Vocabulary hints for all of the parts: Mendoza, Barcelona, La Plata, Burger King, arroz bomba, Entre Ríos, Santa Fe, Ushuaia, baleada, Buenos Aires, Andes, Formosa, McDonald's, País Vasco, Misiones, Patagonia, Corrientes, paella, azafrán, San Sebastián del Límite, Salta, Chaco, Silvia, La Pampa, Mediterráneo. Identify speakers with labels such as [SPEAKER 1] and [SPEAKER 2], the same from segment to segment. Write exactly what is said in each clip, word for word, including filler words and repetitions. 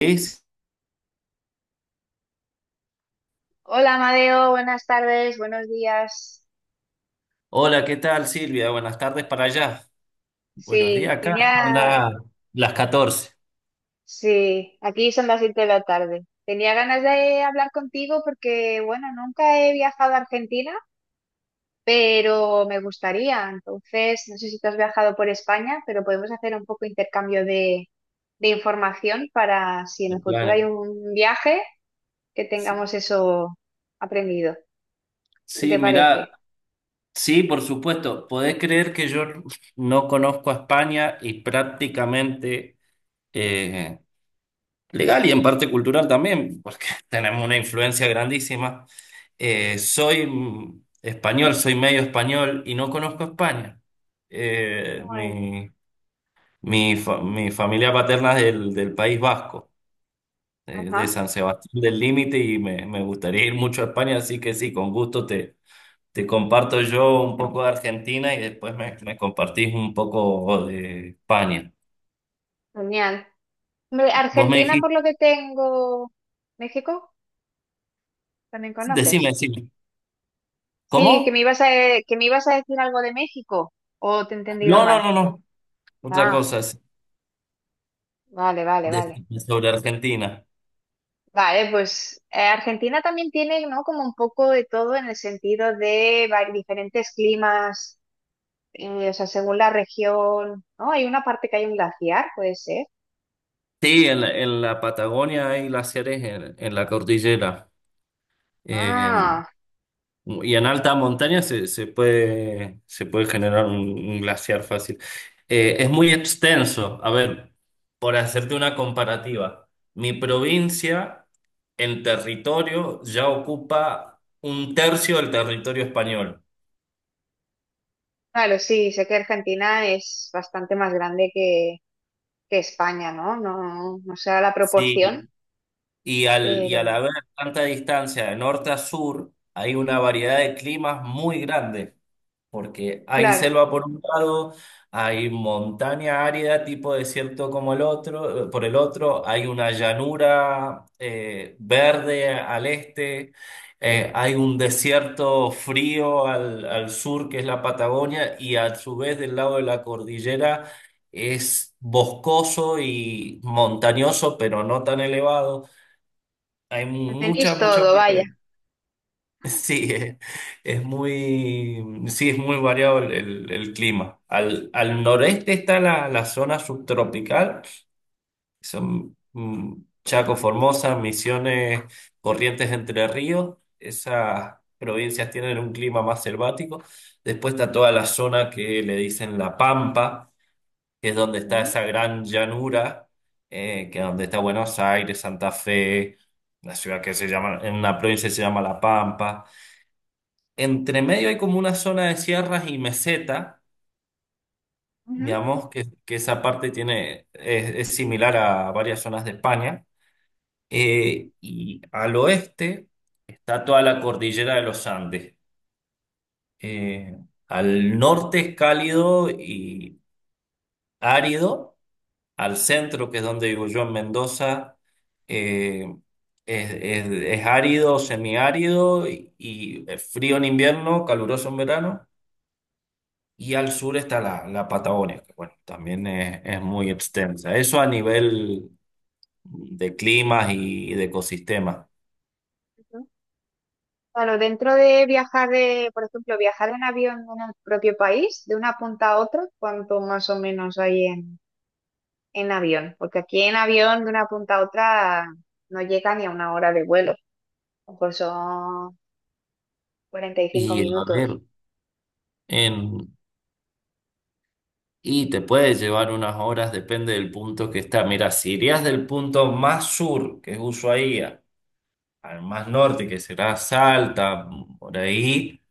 [SPEAKER 1] Es-
[SPEAKER 2] Hola, Amadeo, buenas tardes, buenos días.
[SPEAKER 1] Hola, ¿qué tal, Silvia? Buenas tardes para allá. Buenos
[SPEAKER 2] Sí,
[SPEAKER 1] días acá.
[SPEAKER 2] tenía,
[SPEAKER 1] Anda, ¿las catorce?
[SPEAKER 2] sí, aquí son las siete de la tarde. Tenía ganas de hablar contigo porque, bueno, nunca he viajado a Argentina, pero me gustaría. Entonces, no sé si tú has viajado por España, pero podemos hacer un poco intercambio de, de información para si en el
[SPEAKER 1] El
[SPEAKER 2] futuro hay
[SPEAKER 1] plan.
[SPEAKER 2] un viaje, que
[SPEAKER 1] Sí,
[SPEAKER 2] tengamos eso aprendido. ¿Qué
[SPEAKER 1] sí,
[SPEAKER 2] te
[SPEAKER 1] mirá,
[SPEAKER 2] parece?
[SPEAKER 1] sí, por supuesto. ¿Podés creer que yo no conozco a España? Y prácticamente eh, legal y en parte cultural también, porque tenemos una influencia grandísima. Eh, soy mm, español, soy medio español y no conozco a España. Eh,
[SPEAKER 2] Muy-
[SPEAKER 1] mi, mi, fa- Mi familia paterna es del, del País Vasco, eh, de
[SPEAKER 2] Ajá,
[SPEAKER 1] San Sebastián del Límite, y me, me gustaría ir mucho a España, así que sí, con gusto te, te comparto yo un poco de Argentina y después me, me compartís un poco de España.
[SPEAKER 2] genial. Hombre,
[SPEAKER 1] Vos me
[SPEAKER 2] Argentina,
[SPEAKER 1] dijiste,
[SPEAKER 2] por lo que tengo. ¿México? ¿También
[SPEAKER 1] decime,
[SPEAKER 2] conoces?
[SPEAKER 1] decime.
[SPEAKER 2] Sí, que me
[SPEAKER 1] ¿Cómo?
[SPEAKER 2] ibas a, e, que me ibas a decir algo de México. ¿O te he entendido
[SPEAKER 1] No, no,
[SPEAKER 2] mal?
[SPEAKER 1] no, no. Otra
[SPEAKER 2] Ah,
[SPEAKER 1] cosa, es
[SPEAKER 2] vale, vale, vale.
[SPEAKER 1] decime sobre Argentina.
[SPEAKER 2] Vale, pues eh, Argentina también tiene, ¿no? Como un poco de todo en el sentido de va- diferentes climas, eh, o sea, según la región, ¿no? Hay una parte que hay un glaciar, puede ser.
[SPEAKER 1] Sí, en la, en la Patagonia hay glaciares en, en la cordillera. Eh,
[SPEAKER 2] Ah,
[SPEAKER 1] Y en alta montaña se, se puede, se puede generar un, un glaciar fácil. Eh, es muy extenso. A ver, por hacerte una comparativa, mi provincia en territorio ya ocupa un tercio del territorio español.
[SPEAKER 2] claro, sí, sé que Argentina es bastante más grande que, que España, ¿no? No, no sé la proporción,
[SPEAKER 1] Sí, y al, y
[SPEAKER 2] pero,
[SPEAKER 1] al haber tanta distancia de norte a sur, hay una variedad de climas muy grande, porque hay
[SPEAKER 2] claro,
[SPEAKER 1] selva por un lado, hay montaña árida tipo desierto como el otro, eh, por el otro, hay una llanura, eh, verde al este, eh, hay un desierto frío al, al sur que es la Patagonia, y a su vez del lado de la cordillera es boscoso y montañoso, pero no tan elevado. Hay
[SPEAKER 2] tenéis
[SPEAKER 1] mucha, mucha
[SPEAKER 2] todo, vaya.
[SPEAKER 1] variedad. Sí, es, es muy, sí, es muy variado el, el- el clima. Al, al noreste está la, la zona subtropical, son mm, Chaco, Formosa, Misiones, Corrientes, Entre Ríos. Esas provincias tienen un clima más selvático. Después está toda la zona que le dicen La Pampa, que es donde está
[SPEAKER 2] Ujú,
[SPEAKER 1] esa gran llanura, eh, que es donde está Buenos Aires, Santa Fe, la ciudad que se llama, en una provincia que se llama La Pampa. Entre medio hay como una zona de sierras y meseta,
[SPEAKER 2] ujú.
[SPEAKER 1] digamos, que, que esa parte tiene, es, es similar a varias zonas de España. Eh, y al oeste está toda la cordillera de los Andes. Eh, al norte es cálido y árido. Al centro, que es donde vivo yo en Mendoza, eh, es, es, es árido, semiárido y, y frío en invierno, caluroso en verano. Y al sur está la, la Patagonia, que bueno, también es, es muy extensa. Eso a nivel de climas y de ecosistemas.
[SPEAKER 2] Claro, dentro de viajar de, por ejemplo, viajar en avión en el propio país, de una punta a otra, ¿cuánto más o menos hay en, en avión? Porque aquí en avión de una punta a otra no llega ni a una hora de vuelo. A lo mejor son cuarenta y cinco
[SPEAKER 1] Y a
[SPEAKER 2] minutos,
[SPEAKER 1] ver, en, y te puede llevar unas horas, depende del punto que está. Mira, si irías del punto más sur, que es Ushuaia, al más norte, que será Salta, por ahí,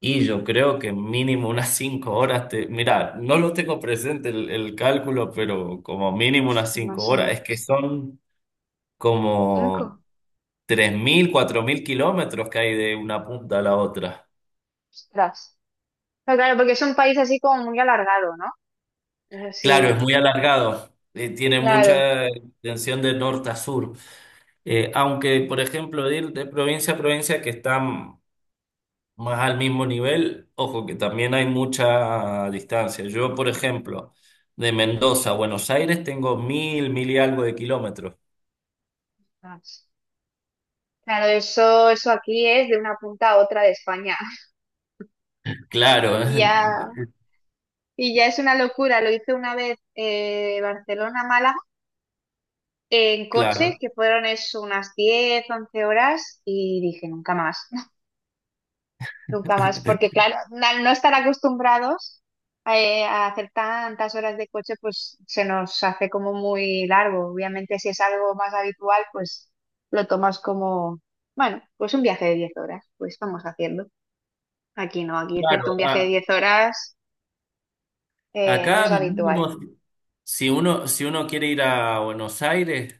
[SPEAKER 1] y yo creo que mínimo unas cinco horas te... Mira, no lo tengo presente el, el cálculo, pero como mínimo unas cinco
[SPEAKER 2] más o
[SPEAKER 1] horas. Es que
[SPEAKER 2] menos.
[SPEAKER 1] son... como
[SPEAKER 2] ¿Cinco?
[SPEAKER 1] tres mil cuatro mil kilómetros que hay de una punta a la otra.
[SPEAKER 2] Ostras. Pero claro, porque es un país así como muy alargado, ¿no? Es
[SPEAKER 1] Claro,
[SPEAKER 2] así,
[SPEAKER 1] es muy alargado, eh, tiene
[SPEAKER 2] claro.
[SPEAKER 1] mucha extensión de norte a sur. Eh, aunque, por ejemplo, de ir de provincia a provincia que están más al mismo nivel, ojo que también hay mucha distancia. Yo, por ejemplo, de Mendoza a Buenos Aires tengo mil, mil y algo de kilómetros.
[SPEAKER 2] Claro, eso, eso aquí es de una punta a otra de España.
[SPEAKER 1] Claro.
[SPEAKER 2] Y ya, y ya es una locura. Lo hice una vez eh, Barcelona-Málaga en coche,
[SPEAKER 1] Claro.
[SPEAKER 2] que fueron eso unas diez once horas, y dije, nunca más, nunca más, porque claro, al no estar acostumbrados eh, a hacer tantas horas de coche, pues se nos hace como muy largo. Obviamente, si es algo más habitual, pues lo tomas como, bueno, pues un viaje de diez horas, pues vamos haciendo. Aquí no, aquí hacerte
[SPEAKER 1] Claro,
[SPEAKER 2] un viaje de
[SPEAKER 1] a-
[SPEAKER 2] diez horas eh, no
[SPEAKER 1] Acá
[SPEAKER 2] es habitual.
[SPEAKER 1] mínimo, si uno, si uno quiere ir a Buenos Aires,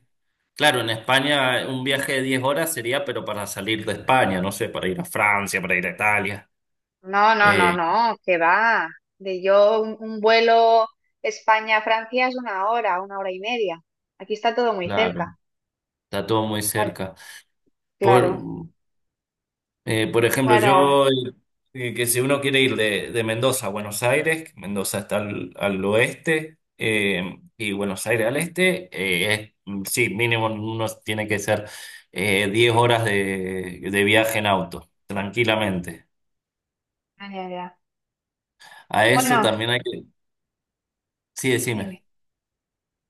[SPEAKER 1] claro, en España un viaje de diez horas sería, pero para salir de España, no sé, para ir a Francia, para ir
[SPEAKER 2] Ujú.
[SPEAKER 1] a Italia.
[SPEAKER 2] No, no, no,
[SPEAKER 1] Eh,
[SPEAKER 2] no, que va. De yo, un, un vuelo España-Francia es una hora, una hora y media. Aquí está todo muy
[SPEAKER 1] claro,
[SPEAKER 2] cerca.
[SPEAKER 1] está todo muy
[SPEAKER 2] Claro,
[SPEAKER 1] cerca. Por,
[SPEAKER 2] claro,
[SPEAKER 1] eh, por ejemplo,
[SPEAKER 2] para...
[SPEAKER 1] yo, eh, que si uno quiere ir de, de Mendoza a Buenos Aires, Mendoza está al, al oeste, eh, y Buenos Aires al este, eh, es- mm, sí, mínimo uno tiene que ser eh, diez horas de, de viaje en auto, tranquilamente.
[SPEAKER 2] ah, ya, ya.
[SPEAKER 1] A eso
[SPEAKER 2] Bueno,
[SPEAKER 1] también hay que... Sí, decime.
[SPEAKER 2] dime.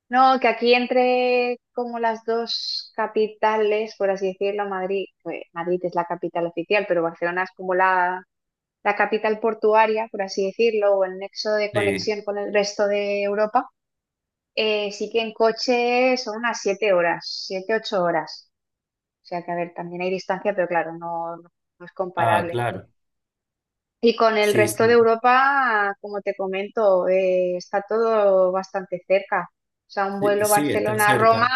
[SPEAKER 2] No, que aquí entre como las dos capitales, por así decirlo, Madrid, pues, Madrid es la capital oficial, pero Barcelona es como la la capital portuaria, por así decirlo, o el nexo de
[SPEAKER 1] Sí.
[SPEAKER 2] conexión con el resto de Europa, eh, sí que en coche son unas siete horas, siete ocho horas. O sea que, a ver, también hay distancia, pero claro, no, no- no es
[SPEAKER 1] Ah,
[SPEAKER 2] comparable.
[SPEAKER 1] claro.
[SPEAKER 2] Y con el
[SPEAKER 1] Sí,
[SPEAKER 2] resto de
[SPEAKER 1] sí.
[SPEAKER 2] Europa, como te comento, eh, está todo bastante cerca. O sea, un
[SPEAKER 1] Sí,
[SPEAKER 2] vuelo
[SPEAKER 1] sí, están
[SPEAKER 2] Barcelona-Roma,
[SPEAKER 1] cerca.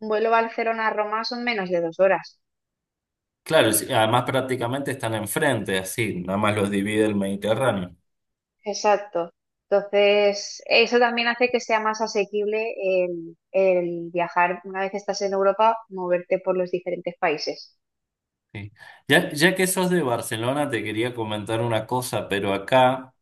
[SPEAKER 2] un vuelo Barcelona-Roma son menos de dos horas.
[SPEAKER 1] Claro, sí, además prácticamente están enfrente, así, nada más los divide el Mediterráneo.
[SPEAKER 2] Exacto. Entonces, eso también hace que sea más asequible el, el viajar una vez que estás en Europa, moverte por los diferentes países.
[SPEAKER 1] Sí. Ya, ya que sos de Barcelona, te quería comentar una cosa, pero acá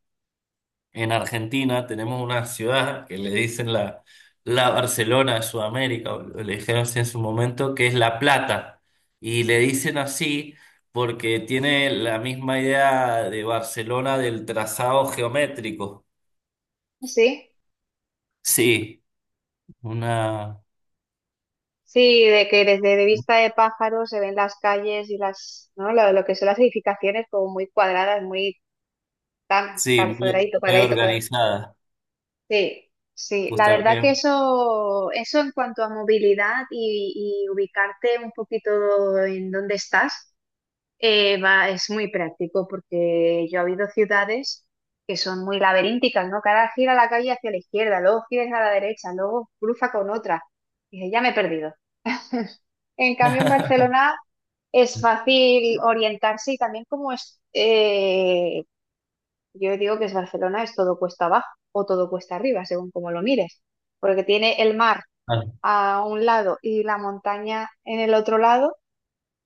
[SPEAKER 1] en Argentina tenemos una ciudad que le dicen la, la Barcelona de Sudamérica, o le dijeron así en su momento, que es La Plata. Y le dicen así porque tiene la misma idea de Barcelona, del trazado geométrico.
[SPEAKER 2] Sí,
[SPEAKER 1] Sí, una,
[SPEAKER 2] sí, de que desde de vista de pájaro se ven las calles y las, ¿no? Lo, lo que son las edificaciones como muy cuadradas, muy tan
[SPEAKER 1] sí,
[SPEAKER 2] cal-
[SPEAKER 1] muy,
[SPEAKER 2] cuadradito,
[SPEAKER 1] muy
[SPEAKER 2] cuadradito, cuadradito.
[SPEAKER 1] organizada,
[SPEAKER 2] Sí, sí. La verdad que
[SPEAKER 1] justamente.
[SPEAKER 2] eso, eso en cuanto a movilidad y, y ubicarte un poquito en dónde estás. Eh, va, es muy práctico porque yo he habido ciudades que son muy laberínticas, ¿no? Que ahora gira la calle hacia la izquierda, luego giras a la derecha, luego cruza con otra. Y dices, ya me he perdido. En cambio, en Barcelona es fácil orientarse y también como es, eh, yo digo que es Barcelona, es todo cuesta abajo o todo cuesta arriba, según como lo mires, porque tiene el mar
[SPEAKER 1] Ah,
[SPEAKER 2] a un lado y la montaña en el otro lado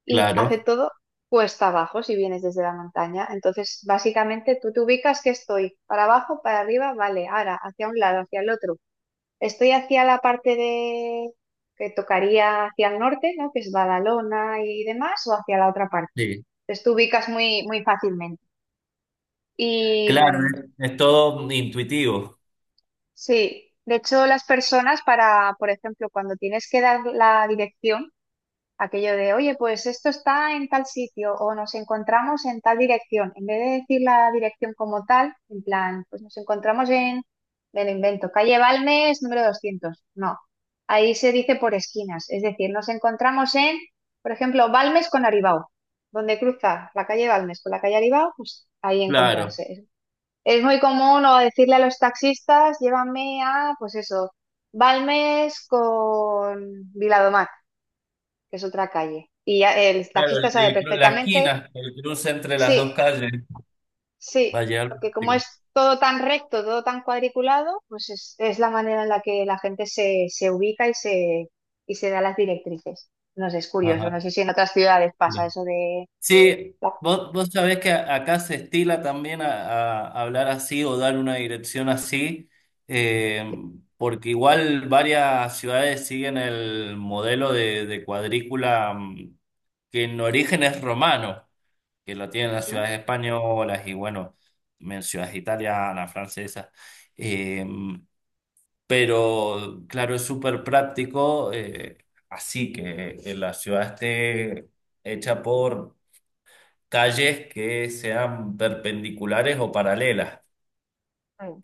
[SPEAKER 2] y hace
[SPEAKER 1] claro.
[SPEAKER 2] todo cuesta abajo si vienes desde la montaña. Entonces, básicamente tú te ubicas que estoy para abajo, para arriba, vale, ahora hacia un lado, hacia el otro. Estoy hacia la parte de que tocaría hacia el norte, ¿no? Que es Badalona y demás, o hacia la otra parte.
[SPEAKER 1] Sí.
[SPEAKER 2] Entonces tú ubicas muy, muy fácilmente. Y
[SPEAKER 1] Claro,
[SPEAKER 2] mm,
[SPEAKER 1] es, es todo intuitivo.
[SPEAKER 2] sí, de hecho las personas para, por ejemplo, cuando tienes que dar la dirección, aquello de, oye, pues esto está en tal sitio o nos encontramos en tal dirección. En vez de decir la dirección como tal, en plan, pues nos encontramos en, me lo invento, calle Balmes número doscientos. No, ahí se dice por esquinas. Es decir, nos encontramos en, por ejemplo, Balmes con Aribau. Donde cruza la calle Balmes con la calle Aribau, pues ahí
[SPEAKER 1] Claro,
[SPEAKER 2] encontrarse. Es muy común o decirle a los taxistas, llévame a, pues eso, Balmes con Viladomar que es otra calle. Y ya el
[SPEAKER 1] claro,
[SPEAKER 2] taxista
[SPEAKER 1] el,
[SPEAKER 2] sabe
[SPEAKER 1] el cru- la
[SPEAKER 2] perfectamente,
[SPEAKER 1] esquina, el cruce entre las
[SPEAKER 2] sí,
[SPEAKER 1] dos calles, va
[SPEAKER 2] sí,
[SPEAKER 1] a llegar
[SPEAKER 2] porque como
[SPEAKER 1] plástico.
[SPEAKER 2] es todo tan recto, todo tan cuadriculado, pues es, es la manera en la que la gente se, se ubica y se, y se da las directrices. No sé, es curioso,
[SPEAKER 1] Ajá,
[SPEAKER 2] no sé si en otras ciudades pasa
[SPEAKER 1] ya.
[SPEAKER 2] eso de,
[SPEAKER 1] Sí,
[SPEAKER 2] ¿no?
[SPEAKER 1] vos, vos sabés que a- acá se estila también a, a hablar así, o dar una dirección así, eh, porque igual varias ciudades siguen el modelo de, de cuadrícula, mm, que en origen es romano, que lo tienen las ciudades españolas y bueno, en ciudades italianas, francesas. Eh, pero claro, es súper práctico, eh, así que, que la ciudad esté hecha por calles que sean perpendiculares o paralelas.
[SPEAKER 2] Mm,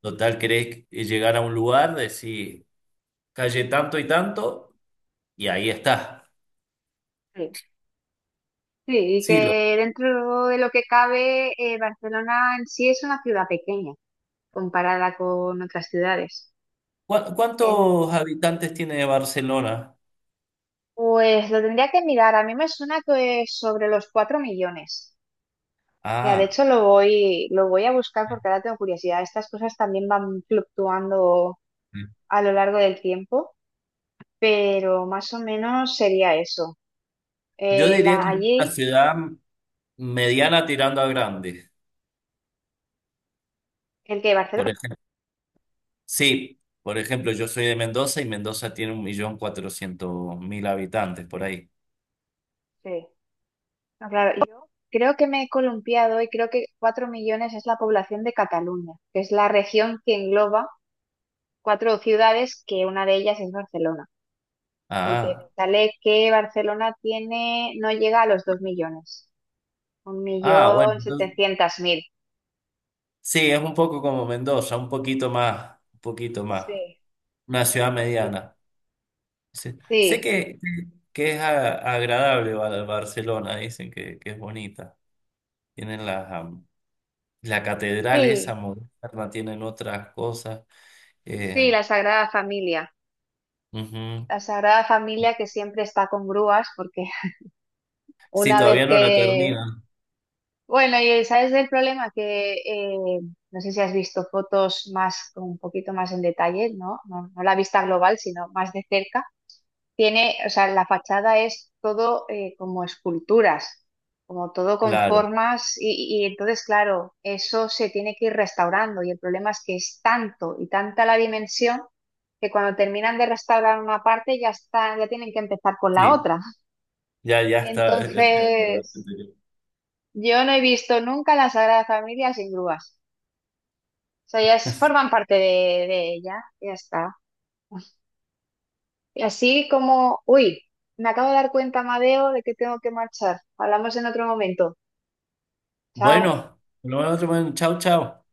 [SPEAKER 1] Total, querés llegar a un lugar, decís calle tanto y tanto, y ahí está.
[SPEAKER 2] sí. Sí, y
[SPEAKER 1] Sí, lo-
[SPEAKER 2] que dentro de lo que cabe, eh, Barcelona en sí es una ciudad pequeña comparada con otras ciudades.
[SPEAKER 1] ¿cu- ¿cuántos habitantes tiene Barcelona?
[SPEAKER 2] Pues lo tendría que mirar. A mí me suena que es sobre los cuatro millones. Mira, de
[SPEAKER 1] Ah.
[SPEAKER 2] hecho lo voy, lo voy a buscar porque ahora tengo curiosidad. Estas cosas también van fluctuando a lo largo del tiempo, pero más o menos sería eso.
[SPEAKER 1] Yo
[SPEAKER 2] Eh,
[SPEAKER 1] diría
[SPEAKER 2] la,
[SPEAKER 1] que es una
[SPEAKER 2] allí,
[SPEAKER 1] ciudad mediana tirando a grande.
[SPEAKER 2] el que
[SPEAKER 1] Por
[SPEAKER 2] Barcelona.
[SPEAKER 1] ejemplo, sí, por ejemplo, yo soy de Mendoza y Mendoza tiene un millón cuatrocientos mil habitantes por ahí.
[SPEAKER 2] Sí. No, claro, yo creo que me he columpiado y creo que cuatro millones es la población de Cataluña, que es la región que engloba cuatro ciudades, que una de ellas es Barcelona. Porque me
[SPEAKER 1] Ah,
[SPEAKER 2] sale que Barcelona tiene, no llega a los dos millones. Un
[SPEAKER 1] ah, bueno,
[SPEAKER 2] millón
[SPEAKER 1] entonces,
[SPEAKER 2] setecientos mil.
[SPEAKER 1] sí, es un poco como Mendoza, un poquito más, un poquito más.
[SPEAKER 2] Sí,
[SPEAKER 1] Una ciudad
[SPEAKER 2] sí,
[SPEAKER 1] mediana. Sí. Sé
[SPEAKER 2] sí,
[SPEAKER 1] que, que es a- agradable Ba- Barcelona, dicen que, que es bonita. Tienen la, am, la catedral esa
[SPEAKER 2] sí,
[SPEAKER 1] moderna, tienen otras cosas.
[SPEAKER 2] sí,
[SPEAKER 1] Eh,
[SPEAKER 2] la Sagrada Familia.
[SPEAKER 1] ujú.
[SPEAKER 2] La Sagrada Familia que siempre está con grúas, porque
[SPEAKER 1] Sí,
[SPEAKER 2] una vez
[SPEAKER 1] todavía no la
[SPEAKER 2] que.
[SPEAKER 1] terminan.
[SPEAKER 2] Bueno, y sabes el problema que eh, no sé si has visto fotos más, un poquito más en detalle, ¿no? No, no la vista global, sino más de cerca. Tiene, o sea, la fachada es todo eh, como esculturas, como todo con
[SPEAKER 1] Claro,
[SPEAKER 2] formas y, y entonces, claro, eso se tiene que ir restaurando y el problema es que es tanto y tanta la dimensión que cuando terminan de restaurar una parte ya está, ya tienen que empezar con la
[SPEAKER 1] sí,
[SPEAKER 2] otra.
[SPEAKER 1] ya, ya está.
[SPEAKER 2] Entonces, yo no he visto nunca la Sagrada Familia sin grúas. O sea, ellas forman parte de, de ella, ya está. Y así como, uy, me acabo de dar cuenta, Madeo, de que tengo que marchar. Hablamos en otro momento. Chao.
[SPEAKER 1] Bueno, nos vemos en otro momento. Chao, chao.